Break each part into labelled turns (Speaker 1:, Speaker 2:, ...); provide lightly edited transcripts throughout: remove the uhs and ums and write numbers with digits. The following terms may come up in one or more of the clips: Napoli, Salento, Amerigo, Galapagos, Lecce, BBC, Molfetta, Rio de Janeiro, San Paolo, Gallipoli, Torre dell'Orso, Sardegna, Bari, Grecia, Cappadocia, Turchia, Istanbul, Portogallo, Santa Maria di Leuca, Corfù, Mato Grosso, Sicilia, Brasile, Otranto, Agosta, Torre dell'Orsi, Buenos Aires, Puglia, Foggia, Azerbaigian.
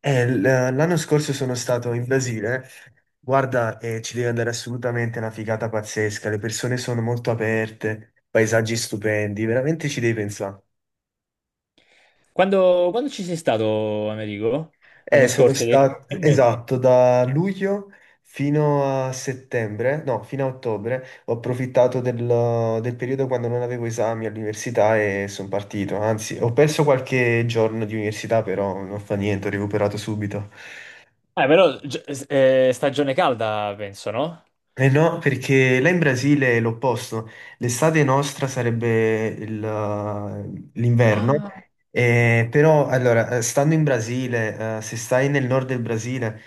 Speaker 1: L'anno scorso sono stato in Brasile. Guarda, ci devi andare assolutamente, è una figata pazzesca. Le persone sono molto aperte, paesaggi stupendi, veramente ci devi pensare.
Speaker 2: Quando ci sei stato, Amerigo? L'anno
Speaker 1: Sono
Speaker 2: scorso?
Speaker 1: stato, esatto, da luglio fino a settembre, no, fino a ottobre, ho approfittato del periodo quando non avevo esami all'università e sono partito. Anzi, ho perso qualche giorno di università, però non fa niente, ho recuperato subito.
Speaker 2: Ah, però stagione calda, penso, no?
Speaker 1: Eh no, perché là in Brasile è l'opposto. L'estate nostra sarebbe l'inverno,
Speaker 2: Ah, no.
Speaker 1: però allora, stando in Brasile, se stai nel nord del Brasile,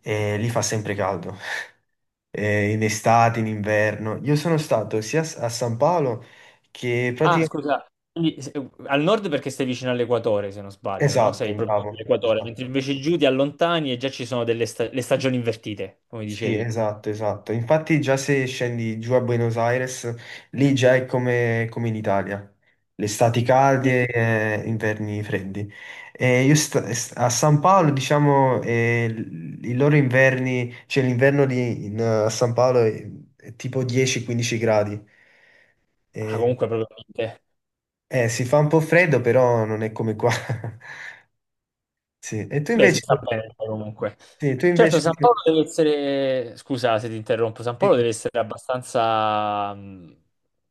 Speaker 1: lì fa sempre caldo, in estate, in inverno. Io sono stato sia a San Paolo che
Speaker 2: Ah,
Speaker 1: praticamente...
Speaker 2: scusa, quindi, al nord perché sei vicino all'equatore, se non sbaglio, no?
Speaker 1: Esatto,
Speaker 2: Sei proprio
Speaker 1: bravo,
Speaker 2: all'equatore, mentre
Speaker 1: esatto.
Speaker 2: invece giù ti allontani e già ci sono delle le stagioni invertite, come
Speaker 1: Sì,
Speaker 2: dicevi.
Speaker 1: esatto, esatto. Infatti già se scendi giù a Buenos Aires, lì già è come, come in Italia. Le estati
Speaker 2: Mm.
Speaker 1: calde e inverni freddi. E io sta- A San Paolo, diciamo, i loro inverni, cioè a San Paolo è tipo 10-15 gradi.
Speaker 2: Ah,
Speaker 1: E-
Speaker 2: comunque proprio niente.
Speaker 1: si fa un po' freddo, però non è come qua. Sì. E
Speaker 2: Beh, si sta bene comunque.
Speaker 1: tu
Speaker 2: Certo,
Speaker 1: invece,
Speaker 2: San
Speaker 1: sì,
Speaker 2: Paolo deve essere, scusa se ti interrompo, San
Speaker 1: sì.
Speaker 2: Paolo deve essere abbastanza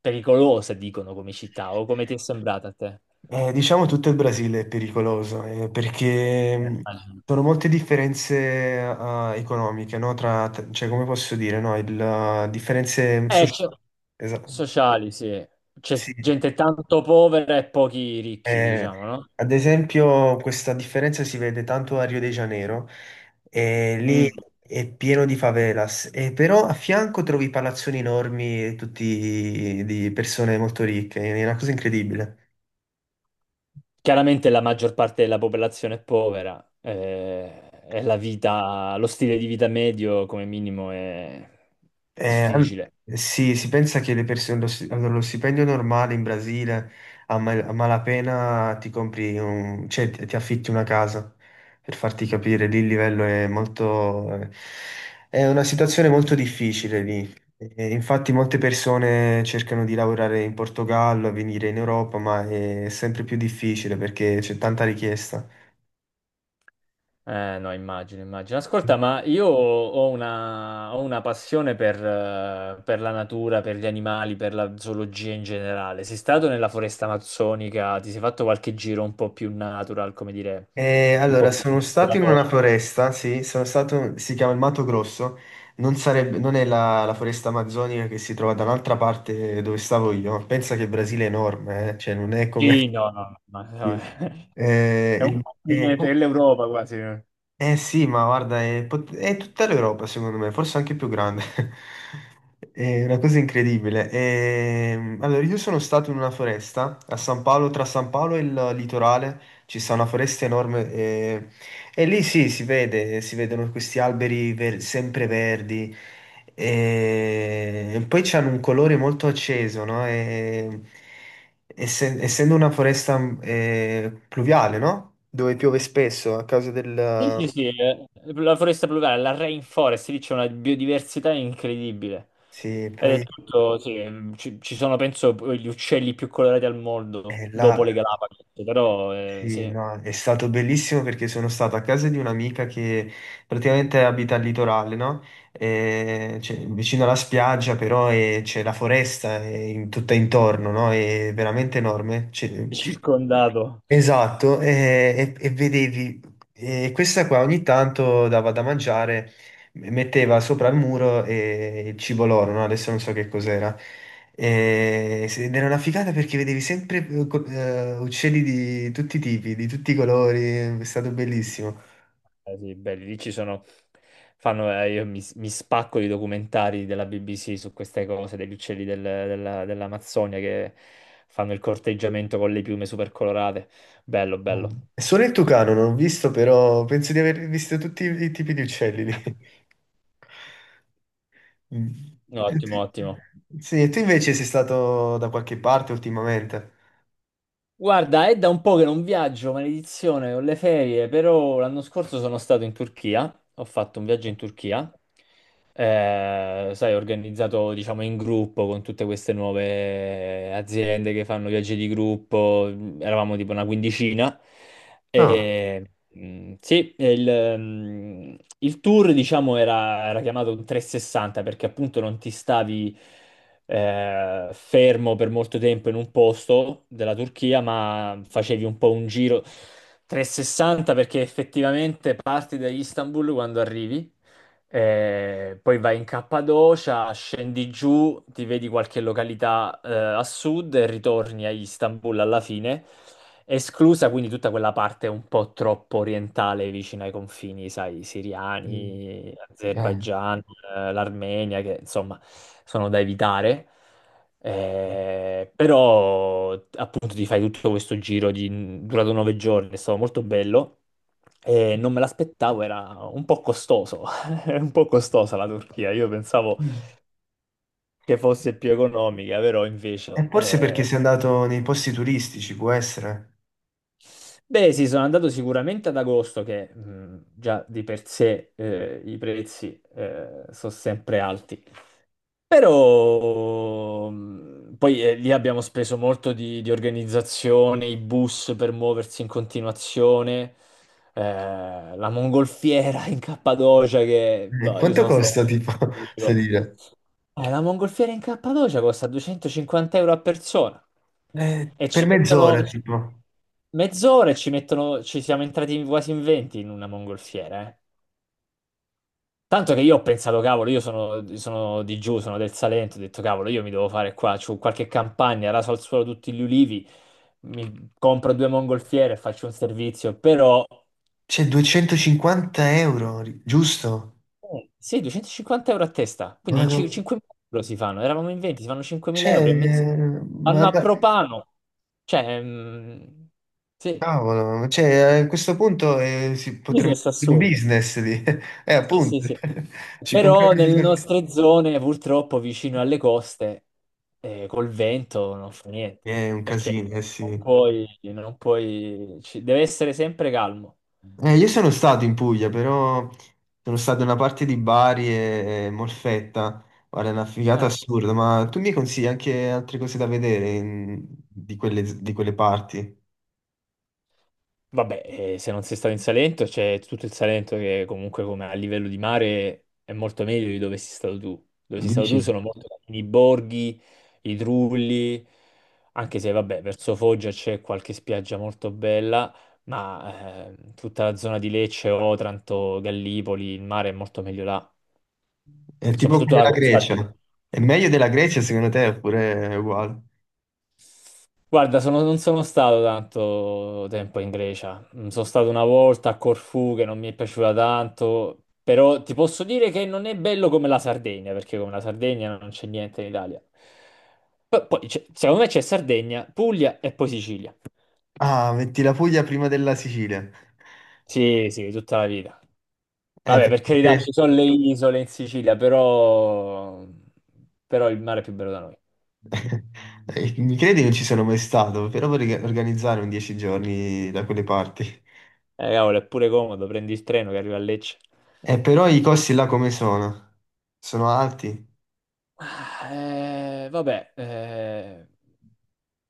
Speaker 2: pericolosa, dicono, come città, o come ti è sembrata a te?
Speaker 1: Diciamo tutto il Brasile è pericoloso, perché
Speaker 2: Immagino.
Speaker 1: sono molte differenze economiche, no? Cioè, come posso dire, no? Differenze
Speaker 2: Eh, c'è-
Speaker 1: sociali. Esatto.
Speaker 2: Sociali, sì.
Speaker 1: Sì.
Speaker 2: C'è gente tanto povera e pochi ricchi,
Speaker 1: Eh,
Speaker 2: diciamo, no?
Speaker 1: ad esempio, questa differenza si vede tanto a Rio de Janeiro, e
Speaker 2: Mm.
Speaker 1: lì è pieno di favelas, e però a fianco trovi palazzoni enormi, tutti di persone molto ricche, è una cosa incredibile.
Speaker 2: Chiaramente la maggior parte della popolazione è povera, e la vita, lo stile di vita medio come minimo è
Speaker 1: Eh, an-
Speaker 2: difficile.
Speaker 1: sì, si pensa che le persone, lo, sti- allora, lo stipendio normale in Brasile a malapena ti compri un, ti affitti una casa per farti capire, lì il livello è molto, è una situazione molto difficile lì. E infatti molte persone cercano di lavorare in Portogallo, venire in Europa, ma è sempre più difficile perché c'è tanta richiesta.
Speaker 2: No, immagino, immagino. Ascolta, ma io ho una passione per la natura, per gli animali, per la zoologia in generale. Sei stato nella foresta amazzonica? Ti sei fatto qualche giro un po' più natural, come dire, un po'
Speaker 1: Allora,
Speaker 2: più
Speaker 1: sono stato in una
Speaker 2: esploratorio?
Speaker 1: foresta, sì, sono stato, si chiama il Mato Grosso, non è la foresta amazzonica che si trova da un'altra parte dove stavo io, pensa che il Brasile è enorme, cioè non è come...
Speaker 2: Sì, no, no, no, no,
Speaker 1: Sì. Eh,
Speaker 2: è un
Speaker 1: il-
Speaker 2: po'
Speaker 1: eh,
Speaker 2: più dell'Europa quasi, eh.
Speaker 1: eh sì, ma guarda, è tutta l'Europa secondo me, forse anche più grande. È una cosa incredibile. Allora, io sono stato in una foresta a San Paolo, tra San Paolo e il litorale ci sta una foresta enorme e lì sì, si vedono questi alberi sempre verdi e poi c'hanno un colore molto acceso, no? Essendo una foresta pluviale, no? Dove piove spesso a causa del,
Speaker 2: Sì, sì,
Speaker 1: mm.
Speaker 2: sì, la foresta pluviale, la rainforest, lì c'è una biodiversità incredibile.
Speaker 1: Sì,
Speaker 2: Ed è
Speaker 1: poi
Speaker 2: tutto, sì, ci sono penso gli uccelli più colorati al mondo dopo
Speaker 1: là,
Speaker 2: le Galapagos, però sì,
Speaker 1: sì,
Speaker 2: è
Speaker 1: no, è stato bellissimo perché sono stato a casa di un'amica che praticamente abita al litorale, no? Cioè, vicino alla spiaggia, però c'è la foresta tutta intorno, no? È veramente enorme. C'è-
Speaker 2: circondato.
Speaker 1: esatto, e, e vedevi, e questa qua ogni tanto dava da mangiare, metteva sopra il muro il cibo loro, no? Adesso non so che cos'era. Ed era una figata perché vedevi sempre uccelli di tutti i tipi, di tutti i colori, è stato bellissimo.
Speaker 2: Sì, belli, lì ci sono, fanno, io mi spacco di documentari della BBC su queste cose, degli uccelli dell'Amazzonia che fanno il corteggiamento con le piume super colorate. Bello, bello.
Speaker 1: Solo il tucano non ho visto, però penso di aver visto tutti i tipi di uccelli lì. Mm. E
Speaker 2: Ottimo, ottimo.
Speaker 1: tu- Sì, e tu invece sei stato da qualche parte ultimamente?
Speaker 2: Guarda, è da un po' che non viaggio, maledizione, ho le ferie, però l'anno scorso sono stato in Turchia, ho fatto un viaggio in Turchia, sai, organizzato diciamo in gruppo con tutte queste nuove aziende che fanno viaggi di gruppo, eravamo tipo una quindicina,
Speaker 1: Ah,
Speaker 2: e, sì, e il tour diciamo era chiamato un 360 perché appunto non ti stavi fermo per molto tempo in un posto della Turchia, ma facevi un po' un giro 360 perché effettivamente parti da Istanbul quando arrivi, poi vai in Cappadocia, scendi giù, ti vedi qualche località a sud e ritorni a Istanbul alla fine, esclusa quindi tutta quella parte un po' troppo orientale vicino ai confini, sai,
Speaker 1: mm,
Speaker 2: siriani,
Speaker 1: eh.
Speaker 2: Azerbaigian, l'Armenia, che insomma sono da evitare. Però appunto ti fai tutto questo giro di, durato 9 giorni, è stato molto bello e non me l'aspettavo, era un po' costoso. È un po' costosa la Turchia, io pensavo
Speaker 1: Mm.
Speaker 2: che fosse più economica, però
Speaker 1: E
Speaker 2: invece...
Speaker 1: forse perché sei andato nei posti turistici, può essere.
Speaker 2: Beh sì, sono andato sicuramente ad agosto, che già di per sé i prezzi sono sempre alti. Però poi lì abbiamo speso molto di organizzazione, i bus per muoversi in continuazione, la mongolfiera in Cappadocia che boh, io
Speaker 1: Quanto
Speaker 2: sono stato...
Speaker 1: costa, tipo,
Speaker 2: un po'.
Speaker 1: salire?
Speaker 2: La mongolfiera in Cappadocia costa 250 euro a persona e
Speaker 1: Per
Speaker 2: ci
Speaker 1: mezz'ora,
Speaker 2: mettono
Speaker 1: tipo.
Speaker 2: mezz'ora, e ci mettono, ci siamo entrati quasi in 20 in una mongolfiera, eh. Tanto che io ho pensato, cavolo, io sono di giù, sono del Salento, ho detto, cavolo, io mi devo fare qua, c'ho qualche campagna, raso al suolo tutti gli ulivi, mi compro due mongolfiere e faccio un servizio, però
Speaker 1: C'è 250 euro, ri- giusto?
Speaker 2: sì, 250 euro a testa, quindi
Speaker 1: Ma non...
Speaker 2: 5.000 euro si fanno, eravamo in 20, si fanno 5.000
Speaker 1: C'è...
Speaker 2: euro e mezzo, vanno a
Speaker 1: Ma-
Speaker 2: propano, cioè, sì,
Speaker 1: cavolo, cioè, a questo punto si potremmo
Speaker 2: business
Speaker 1: fare un
Speaker 2: assurdo.
Speaker 1: business lì.
Speaker 2: Sì, sì,
Speaker 1: Appunto.
Speaker 2: sì.
Speaker 1: Ci
Speaker 2: Però
Speaker 1: compriamo...
Speaker 2: nelle nostre zone, purtroppo, vicino alle coste, col vento non fa niente,
Speaker 1: È un
Speaker 2: perché
Speaker 1: casino, eh
Speaker 2: non
Speaker 1: sì.
Speaker 2: puoi, non puoi, deve essere sempre calmo.
Speaker 1: Io sono stato in Puglia, però sono stato in una parte di Bari e Molfetta. Guarda, è una figata
Speaker 2: Ah,
Speaker 1: assurda, ma tu mi consigli anche altre cose da vedere di quelle parti?
Speaker 2: vabbè, se non sei stato in Salento, c'è tutto il Salento che comunque come a livello di mare è molto meglio di dove sei stato tu. Dove sei stato tu
Speaker 1: Dici?
Speaker 2: sono molto i borghi, i trulli, anche se vabbè, verso Foggia c'è qualche spiaggia molto bella, ma tutta la zona di Lecce, Otranto, Gallipoli, il mare è molto meglio là.
Speaker 1: È tipo
Speaker 2: Soprattutto
Speaker 1: come
Speaker 2: la
Speaker 1: la
Speaker 2: costa.
Speaker 1: Grecia. È meglio della Grecia secondo te oppure è uguale?
Speaker 2: Guarda, non sono stato tanto tempo in Grecia. Mm. Sono stato una volta a Corfù che non mi è piaciuta tanto, però ti posso dire che non è bello come la Sardegna, perché come la Sardegna non c'è niente in Italia. Poi, secondo me c'è Sardegna, Puglia e poi Sicilia.
Speaker 1: Ah, metti la Puglia prima della Sicilia.
Speaker 2: Sì, sì, tutta la vita. Vabbè, per carità,
Speaker 1: Perché...
Speaker 2: ci sono le isole in Sicilia, però il mare è più bello da noi.
Speaker 1: mi credi non ci sono mai stato, però vorrei organizzare un 10 giorni da quelle parti.
Speaker 2: Cavolo, è pure comodo, prendi il treno che arriva a Lecce.
Speaker 1: Però i costi là come sono? Sono alti?
Speaker 2: Ah, vabbè,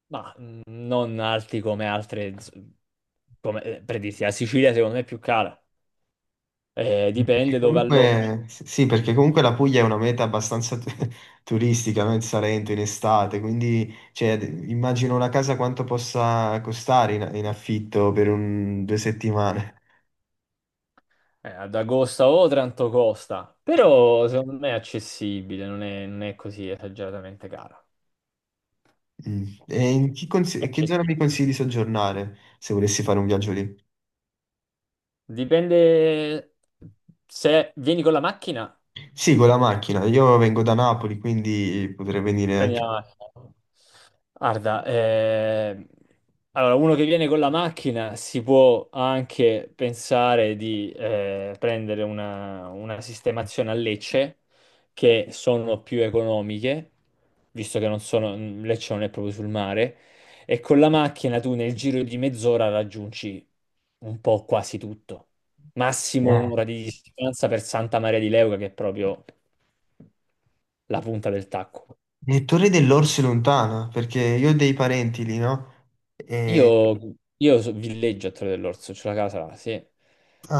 Speaker 2: ma non alti come altre, come per dirti, la Sicilia secondo me è più cara.
Speaker 1: Perché
Speaker 2: Dipende dove alloggi.
Speaker 1: comunque, sì, perché comunque la Puglia è una meta turistica, no? Il Salento in estate, quindi cioè, immagino una casa quanto possa costare in, in affitto per 2 settimane.
Speaker 2: Ad Agosta o Otranto costa, però secondo me è accessibile, non è così esageratamente cara.
Speaker 1: Mm. E che zona
Speaker 2: Accessibile.
Speaker 1: mi consigli di soggiornare se volessi fare un viaggio lì?
Speaker 2: Dipende se vieni con la macchina.
Speaker 1: Sì, con la macchina. Io vengo da Napoli, quindi potrei venire
Speaker 2: Prendiamo. Guarda, allora uno che viene con la macchina si può anche pensare di prendere una sistemazione a Lecce, che sono più economiche, visto che non sono, Lecce non è proprio sul mare, e con la macchina tu nel giro di mezz'ora raggiungi un po' quasi tutto. Massimo
Speaker 1: anche...
Speaker 2: un'ora di distanza per Santa Maria di Leuca, che è proprio la punta del tacco.
Speaker 1: E Torre dell'Orsi lontana, perché io ho dei parenti lì, no? E...
Speaker 2: Io, io villeggio a Torre dell'Orso, c'ho la casa là, sì.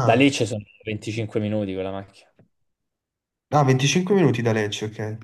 Speaker 2: Da lì ci sono 25 minuti con la macchina.
Speaker 1: ah, 25 minuti da Lecce, ok.